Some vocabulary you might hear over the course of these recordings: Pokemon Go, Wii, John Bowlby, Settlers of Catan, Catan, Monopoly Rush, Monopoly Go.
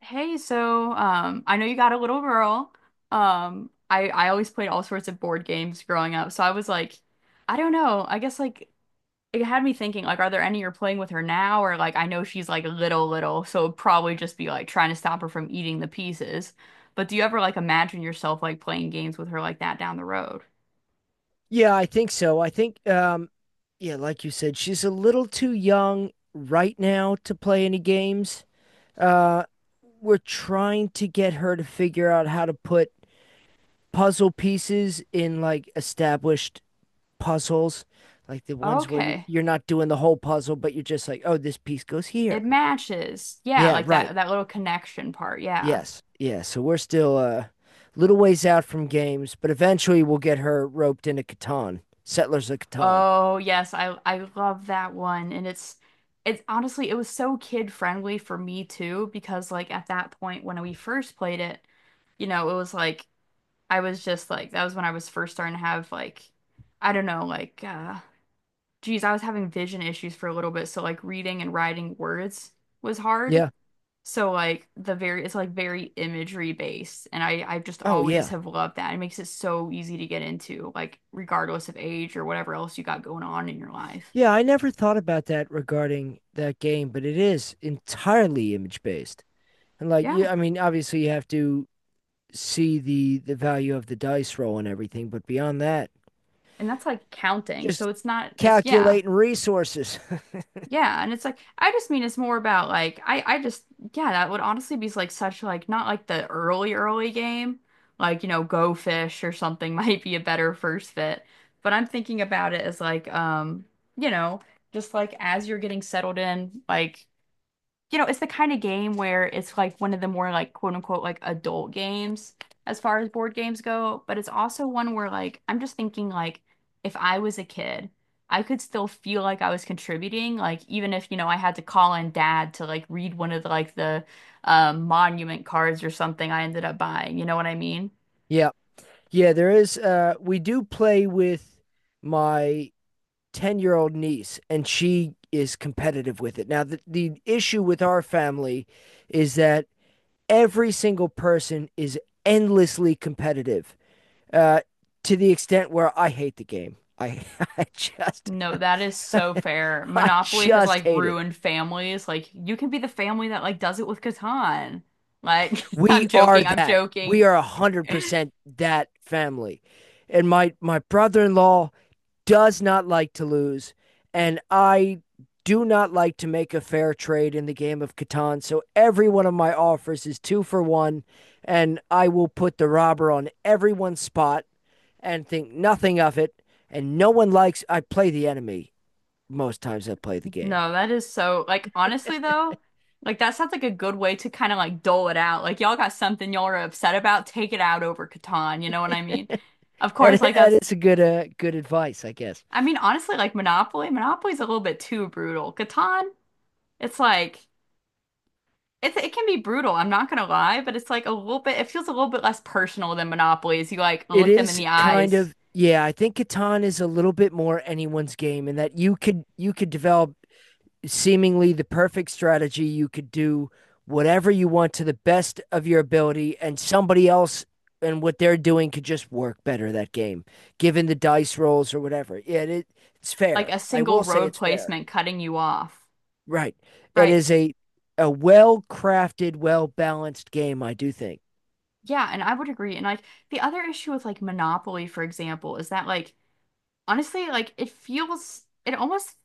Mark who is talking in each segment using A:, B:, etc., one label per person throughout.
A: Hey, so I know you got a little girl. I always played all sorts of board games growing up, so I was like, I don't know. I guess like it had me thinking like, are there any you're playing with her now, or like I know she's like little little, so it'd probably just be like trying to stop her from eating the pieces. But do you ever like imagine yourself like playing games with her like that down the road?
B: Yeah, I think so. I think, yeah, like you said, she's a little too young right now to play any games. Uh, we're trying to get her to figure out how to put puzzle pieces in like established puzzles, like the ones where you
A: Okay,
B: you're not doing the whole puzzle, but you're just like, oh, this piece goes here.
A: it matches. Yeah,
B: Yeah,
A: like
B: right.
A: that little connection part. Yeah.
B: Yes. Yeah. So we're still a little ways out from games, but eventually we'll get her roped into Catan, Settlers of Catan.
A: Oh, yes, I love that one. And it's honestly it was so kid friendly for me too because like at that point when we first played it, it was like I was just like that was when I was first starting to have like I don't know, like geez, I was having vision issues for a little bit, so like reading and writing words was hard.
B: Yeah.
A: So like the very it's like very imagery based and I just
B: Oh,
A: always
B: yeah.
A: have loved that. It makes it so easy to get into like regardless of age or whatever else you got going on in your life.
B: Yeah, I never thought about that regarding that game, but it is entirely image based. And like,
A: Yeah.
B: yeah, I mean, obviously you have to see the value of the dice roll and everything, but beyond that,
A: And that's like counting. So
B: just
A: it's not it's yeah.
B: calculating resources.
A: Yeah, and it's like I just mean it's more about like I just yeah, that would honestly be like such like not like the early early game. Like, you know, Go Fish or something might be a better first fit. But I'm thinking about it as like you know, just like as you're getting settled in, it's the kind of game where it's like one of the more like quote unquote like adult games as far as board games go, but it's also one where like I'm just thinking like if I was a kid, I could still feel like I was contributing, like even if, I had to call in dad to like read one of the, like the monument cards or something I ended up buying, you know what I mean?
B: Yeah. Yeah, there is we do play with my 10-year-old niece and she is competitive with it. Now the issue with our family is that every single person is endlessly competitive uh, to the extent where I hate the game. I just,
A: No, that is so fair.
B: I
A: Monopoly has
B: just
A: like
B: hate it.
A: ruined families. Like you can be the family that like does it with Catan. Like I'm
B: We are
A: joking, I'm
B: that. We
A: joking.
B: are one hundred percent that family, and my brother in law does not like to lose, and I do not like to make a fair trade in the game of Catan. So every one of my offers is two for one, and I will put the robber on everyone's spot and think nothing of it. And no one likes I play the enemy, most times I play the game.
A: No, that is so like honestly though, like that sounds like a good way to kind of like dole it out. Like y'all got something y'all are upset about, take it out over Catan, you know what I mean? Of course,
B: And
A: like
B: that
A: that's
B: is a good good advice, I guess.
A: I mean honestly like Monopoly's a little bit too brutal. Catan, it's like it can be brutal, I'm not gonna lie, but it's like a little bit it feels a little bit less personal than Monopoly as you like
B: It
A: look them in
B: is
A: the
B: kind
A: eyes,
B: of yeah, I think Catan is a little bit more anyone's game in that you could develop seemingly the perfect strategy. You could do whatever you want to the best of your ability, and somebody else and what they're doing could just work better that game, given the dice rolls or whatever. Yeah, it's
A: like
B: fair.
A: a
B: I
A: single
B: will say
A: road
B: it's fair.
A: placement cutting you off.
B: Right. It
A: Right.
B: is a well crafted, well balanced game, I do think.
A: Yeah, and I would agree. And like the other issue with like Monopoly, for example, is that like honestly, like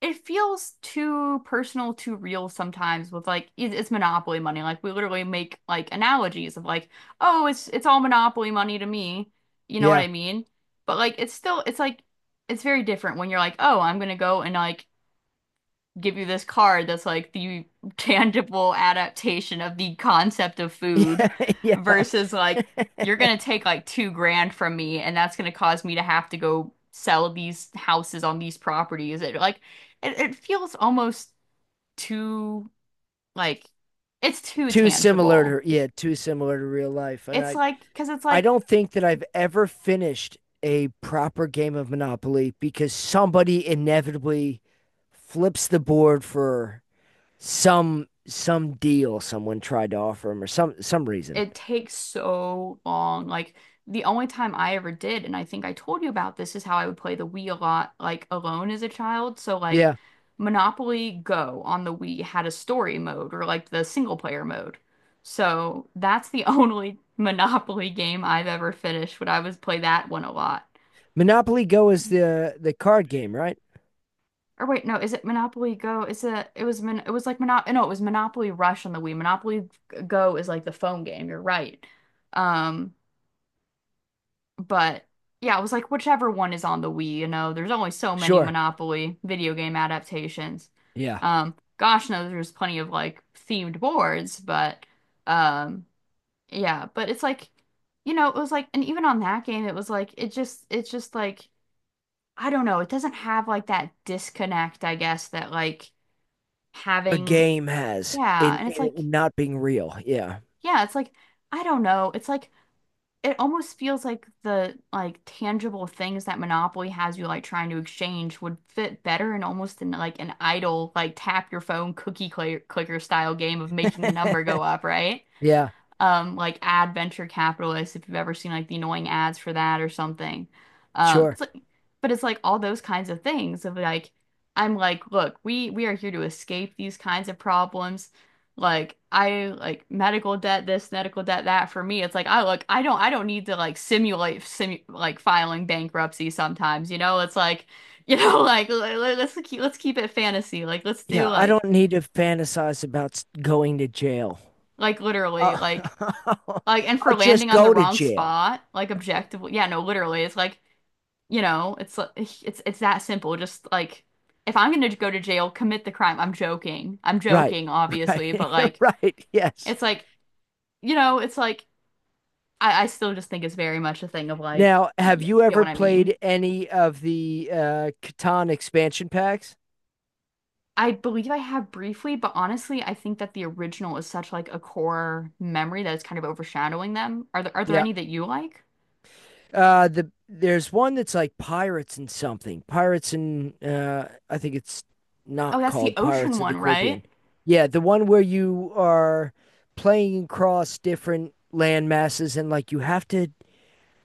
A: it feels too personal, too real sometimes with like, it's monopoly money. Like we literally make like analogies of like, oh, it's all monopoly money to me. You know what
B: Yeah.
A: I mean? But like, it's still, it's like, it's very different when you're like, oh, I'm gonna go and like give you this card that's like the tangible adaptation of the concept of food
B: Yeah. Yeah.
A: versus like you're gonna take like 2 grand from me and that's gonna cause me to have to go sell these houses on these properties. It like it feels almost too like it's too
B: Too similar
A: tangible.
B: to yeah, too similar to real life. And
A: It's like because it's
B: I
A: like
B: don't think that I've ever finished a proper game of Monopoly because somebody inevitably flips the board for some deal someone tried to offer him or some reason.
A: it takes so long. Like the only time I ever did, and I think I told you about this, is how I would play the Wii a lot, like alone as a child. So like
B: Yeah.
A: Monopoly Go on the Wii had a story mode or like the single player mode. So that's the only Monopoly game I've ever finished when I was play that one a lot.
B: Monopoly Go is the card game, right?
A: Or wait, no, is it Monopoly Go? Is it it was Mon it was like Monopoly no, it was Monopoly Rush on the Wii. Monopoly Go is like the phone game. You're right. Um But yeah, I was like whichever one is on the Wii, you know, there's only so many
B: Sure.
A: Monopoly video game adaptations.
B: Yeah.
A: Gosh knows there's plenty of like themed boards, but um yeah, but it's like, it was like and even on that game it was like it just it's just like I don't know, it doesn't have like that disconnect, I guess, that like
B: A
A: having
B: game has
A: yeah, and it's
B: in it
A: like
B: not being real. Yeah.
A: yeah, it's like I don't know. It's like it almost feels like the like tangible things that Monopoly has you like trying to exchange would fit better in almost in like an idle like tap your phone cookie cl clicker style game of making the number go up, right?
B: Yeah.
A: Like ad venture capitalists if you've ever seen like the annoying ads for that or something.
B: Sure.
A: It's like but it's like all those kinds of things of like I'm like, look, we are here to escape these kinds of problems. Like I like medical debt this, medical debt that for me. It's like I look, I don't need to like simulate simu like filing bankruptcy sometimes, you know? It's like, you know, like let's keep it fantasy. Like let's do
B: Yeah, I don't need to fantasize about going to jail.
A: like literally
B: I'll,
A: like Like, and
B: I'll
A: for
B: just
A: landing on the
B: go to
A: wrong
B: jail.
A: spot, like objectively, yeah, no, literally, it's like, you know, it's li- it's that simple. Just like, if I'm gonna go to jail, commit the crime. I'm joking. I'm
B: Right.
A: joking,
B: Right.
A: obviously, but like,
B: Right. Yes.
A: it's like, you know, it's like, I still just think it's very much a thing of like,
B: Now, have
A: yeah,
B: you
A: get
B: ever
A: what I mean?
B: played any of the Catan expansion packs?
A: I believe I have briefly, but honestly, I think that the original is such like a core memory that it's kind of overshadowing them. Are there
B: Yeah.
A: any that you like?
B: There's one that's like Pirates and something. Pirates and I think it's
A: Oh,
B: not
A: that's the
B: called
A: ocean
B: Pirates of the
A: one, right?
B: Caribbean. Yeah, the one where you are playing across different land masses and like you have to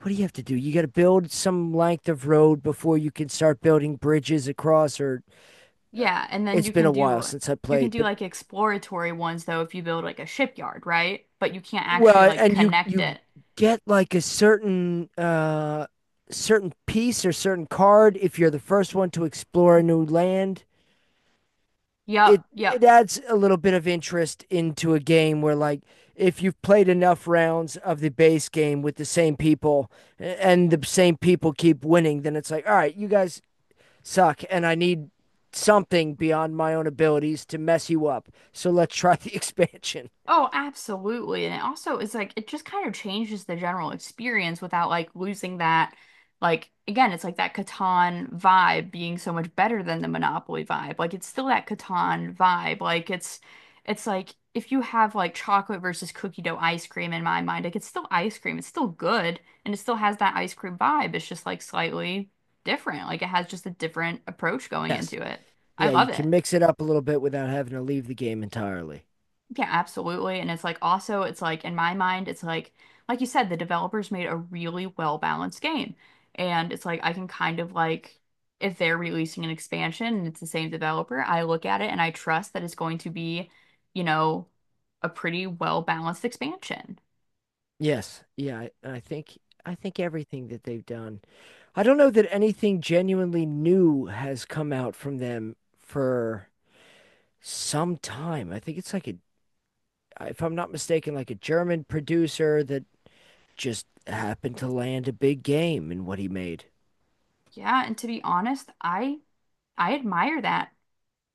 B: what do you have to do? You got to build some length of road before you can start building bridges across. Or uh,
A: Yeah, and then
B: it's
A: you
B: been
A: can
B: a while
A: do
B: since I
A: you can
B: played,
A: do
B: but
A: like exploratory ones though if you build like a shipyard, right? But you can't actually
B: well,
A: like
B: and you
A: connect
B: you
A: it.
B: get like a certain certain piece or certain card if you're the first one to explore a new land.
A: Yep,
B: It
A: yep.
B: adds a little bit of interest into a game where like if you've played enough rounds of the base game with the same people and the same people keep winning, then it's like, all right, you guys suck, and I need something beyond my own abilities to mess you up. So let's try the expansion.
A: Oh, absolutely. And it also is like it just kind of changes the general experience without like losing that like again, it's like that Catan vibe being so much better than the Monopoly vibe. Like it's still that Catan vibe. Like it's like if you have like chocolate versus cookie dough ice cream in my mind, like it's still ice cream. It's still good and it still has that ice cream vibe. It's just like slightly different. Like it has just a different approach going
B: Yes.
A: into it. I
B: Yeah, you
A: love it.
B: can mix it up a little bit without having to leave the game entirely.
A: Yeah, absolutely. And it's like also, it's like in my mind, it's like you said, the developers made a really well balanced game. And it's like, I can kind of like, if they're releasing an expansion and it's the same developer, I look at it and I trust that it's going to be, you know, a pretty well balanced expansion.
B: Yes. Yeah, I think I think everything that they've done. I don't know that anything genuinely new has come out from them for some time. I think it's like a if I'm not mistaken like a German producer that just happened to land a big game in what he made.
A: Yeah. And to be honest, I admire that.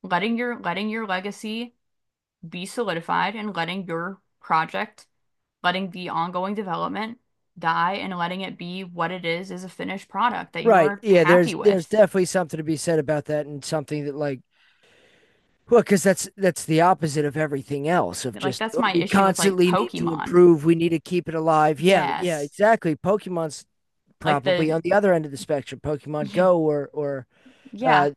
A: Letting your legacy be solidified and letting your project letting the ongoing development die and letting it be what it is a finished product that you
B: Right.
A: are
B: Yeah,
A: happy
B: there's
A: with.
B: definitely something to be said about that and something that like well, because that's the opposite of everything else of
A: Like
B: just
A: that's
B: oh,
A: my
B: we
A: issue with like
B: constantly need to
A: Pokemon.
B: improve, we need to keep it alive. Yeah, yeah,
A: Yes.
B: exactly. Pokemon's
A: Like
B: probably
A: the
B: on the other end of the spectrum, Pokemon Go or
A: yeah,
B: uh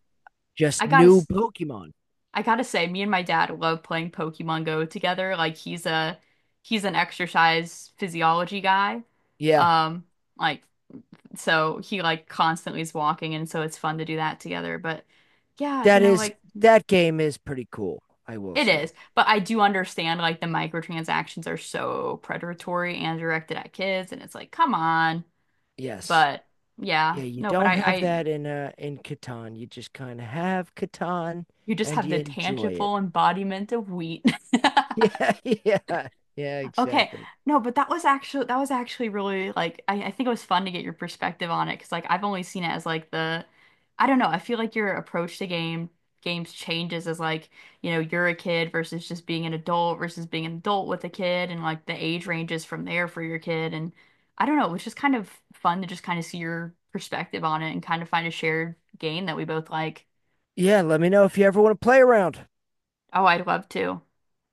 A: I
B: just
A: gotta
B: new Pokemon.
A: I gotta say me and my dad love playing Pokemon Go together. Like he's an exercise physiology guy.
B: Yeah.
A: Um like so he like constantly is walking and so it's fun to do that together. But yeah, you
B: That
A: know
B: is
A: like
B: that game is pretty cool, I will
A: it is,
B: say.
A: but I do understand like the microtransactions are so predatory and directed at kids, and it's like, come on.
B: Yes.
A: But
B: Yeah,
A: yeah,
B: you
A: no,
B: don't have that in Catan. You just kind of have Catan
A: you just
B: and
A: have
B: you
A: the
B: enjoy it.
A: tangible embodiment of wheat.
B: Yeah, yeah,
A: Okay.
B: exactly.
A: No, but that was actually really like I think it was fun to get your perspective on it because like I've only seen it as like the I don't know, I feel like your approach to games changes as like, you know, you're a kid versus just being an adult versus being an adult with a kid and like the age ranges from there for your kid and I don't know, it was just kind of fun to just kind of see your perspective on it and kind of find a shared game that we both like.
B: Yeah, let me know if you ever want to play around.
A: Oh, I'd love to.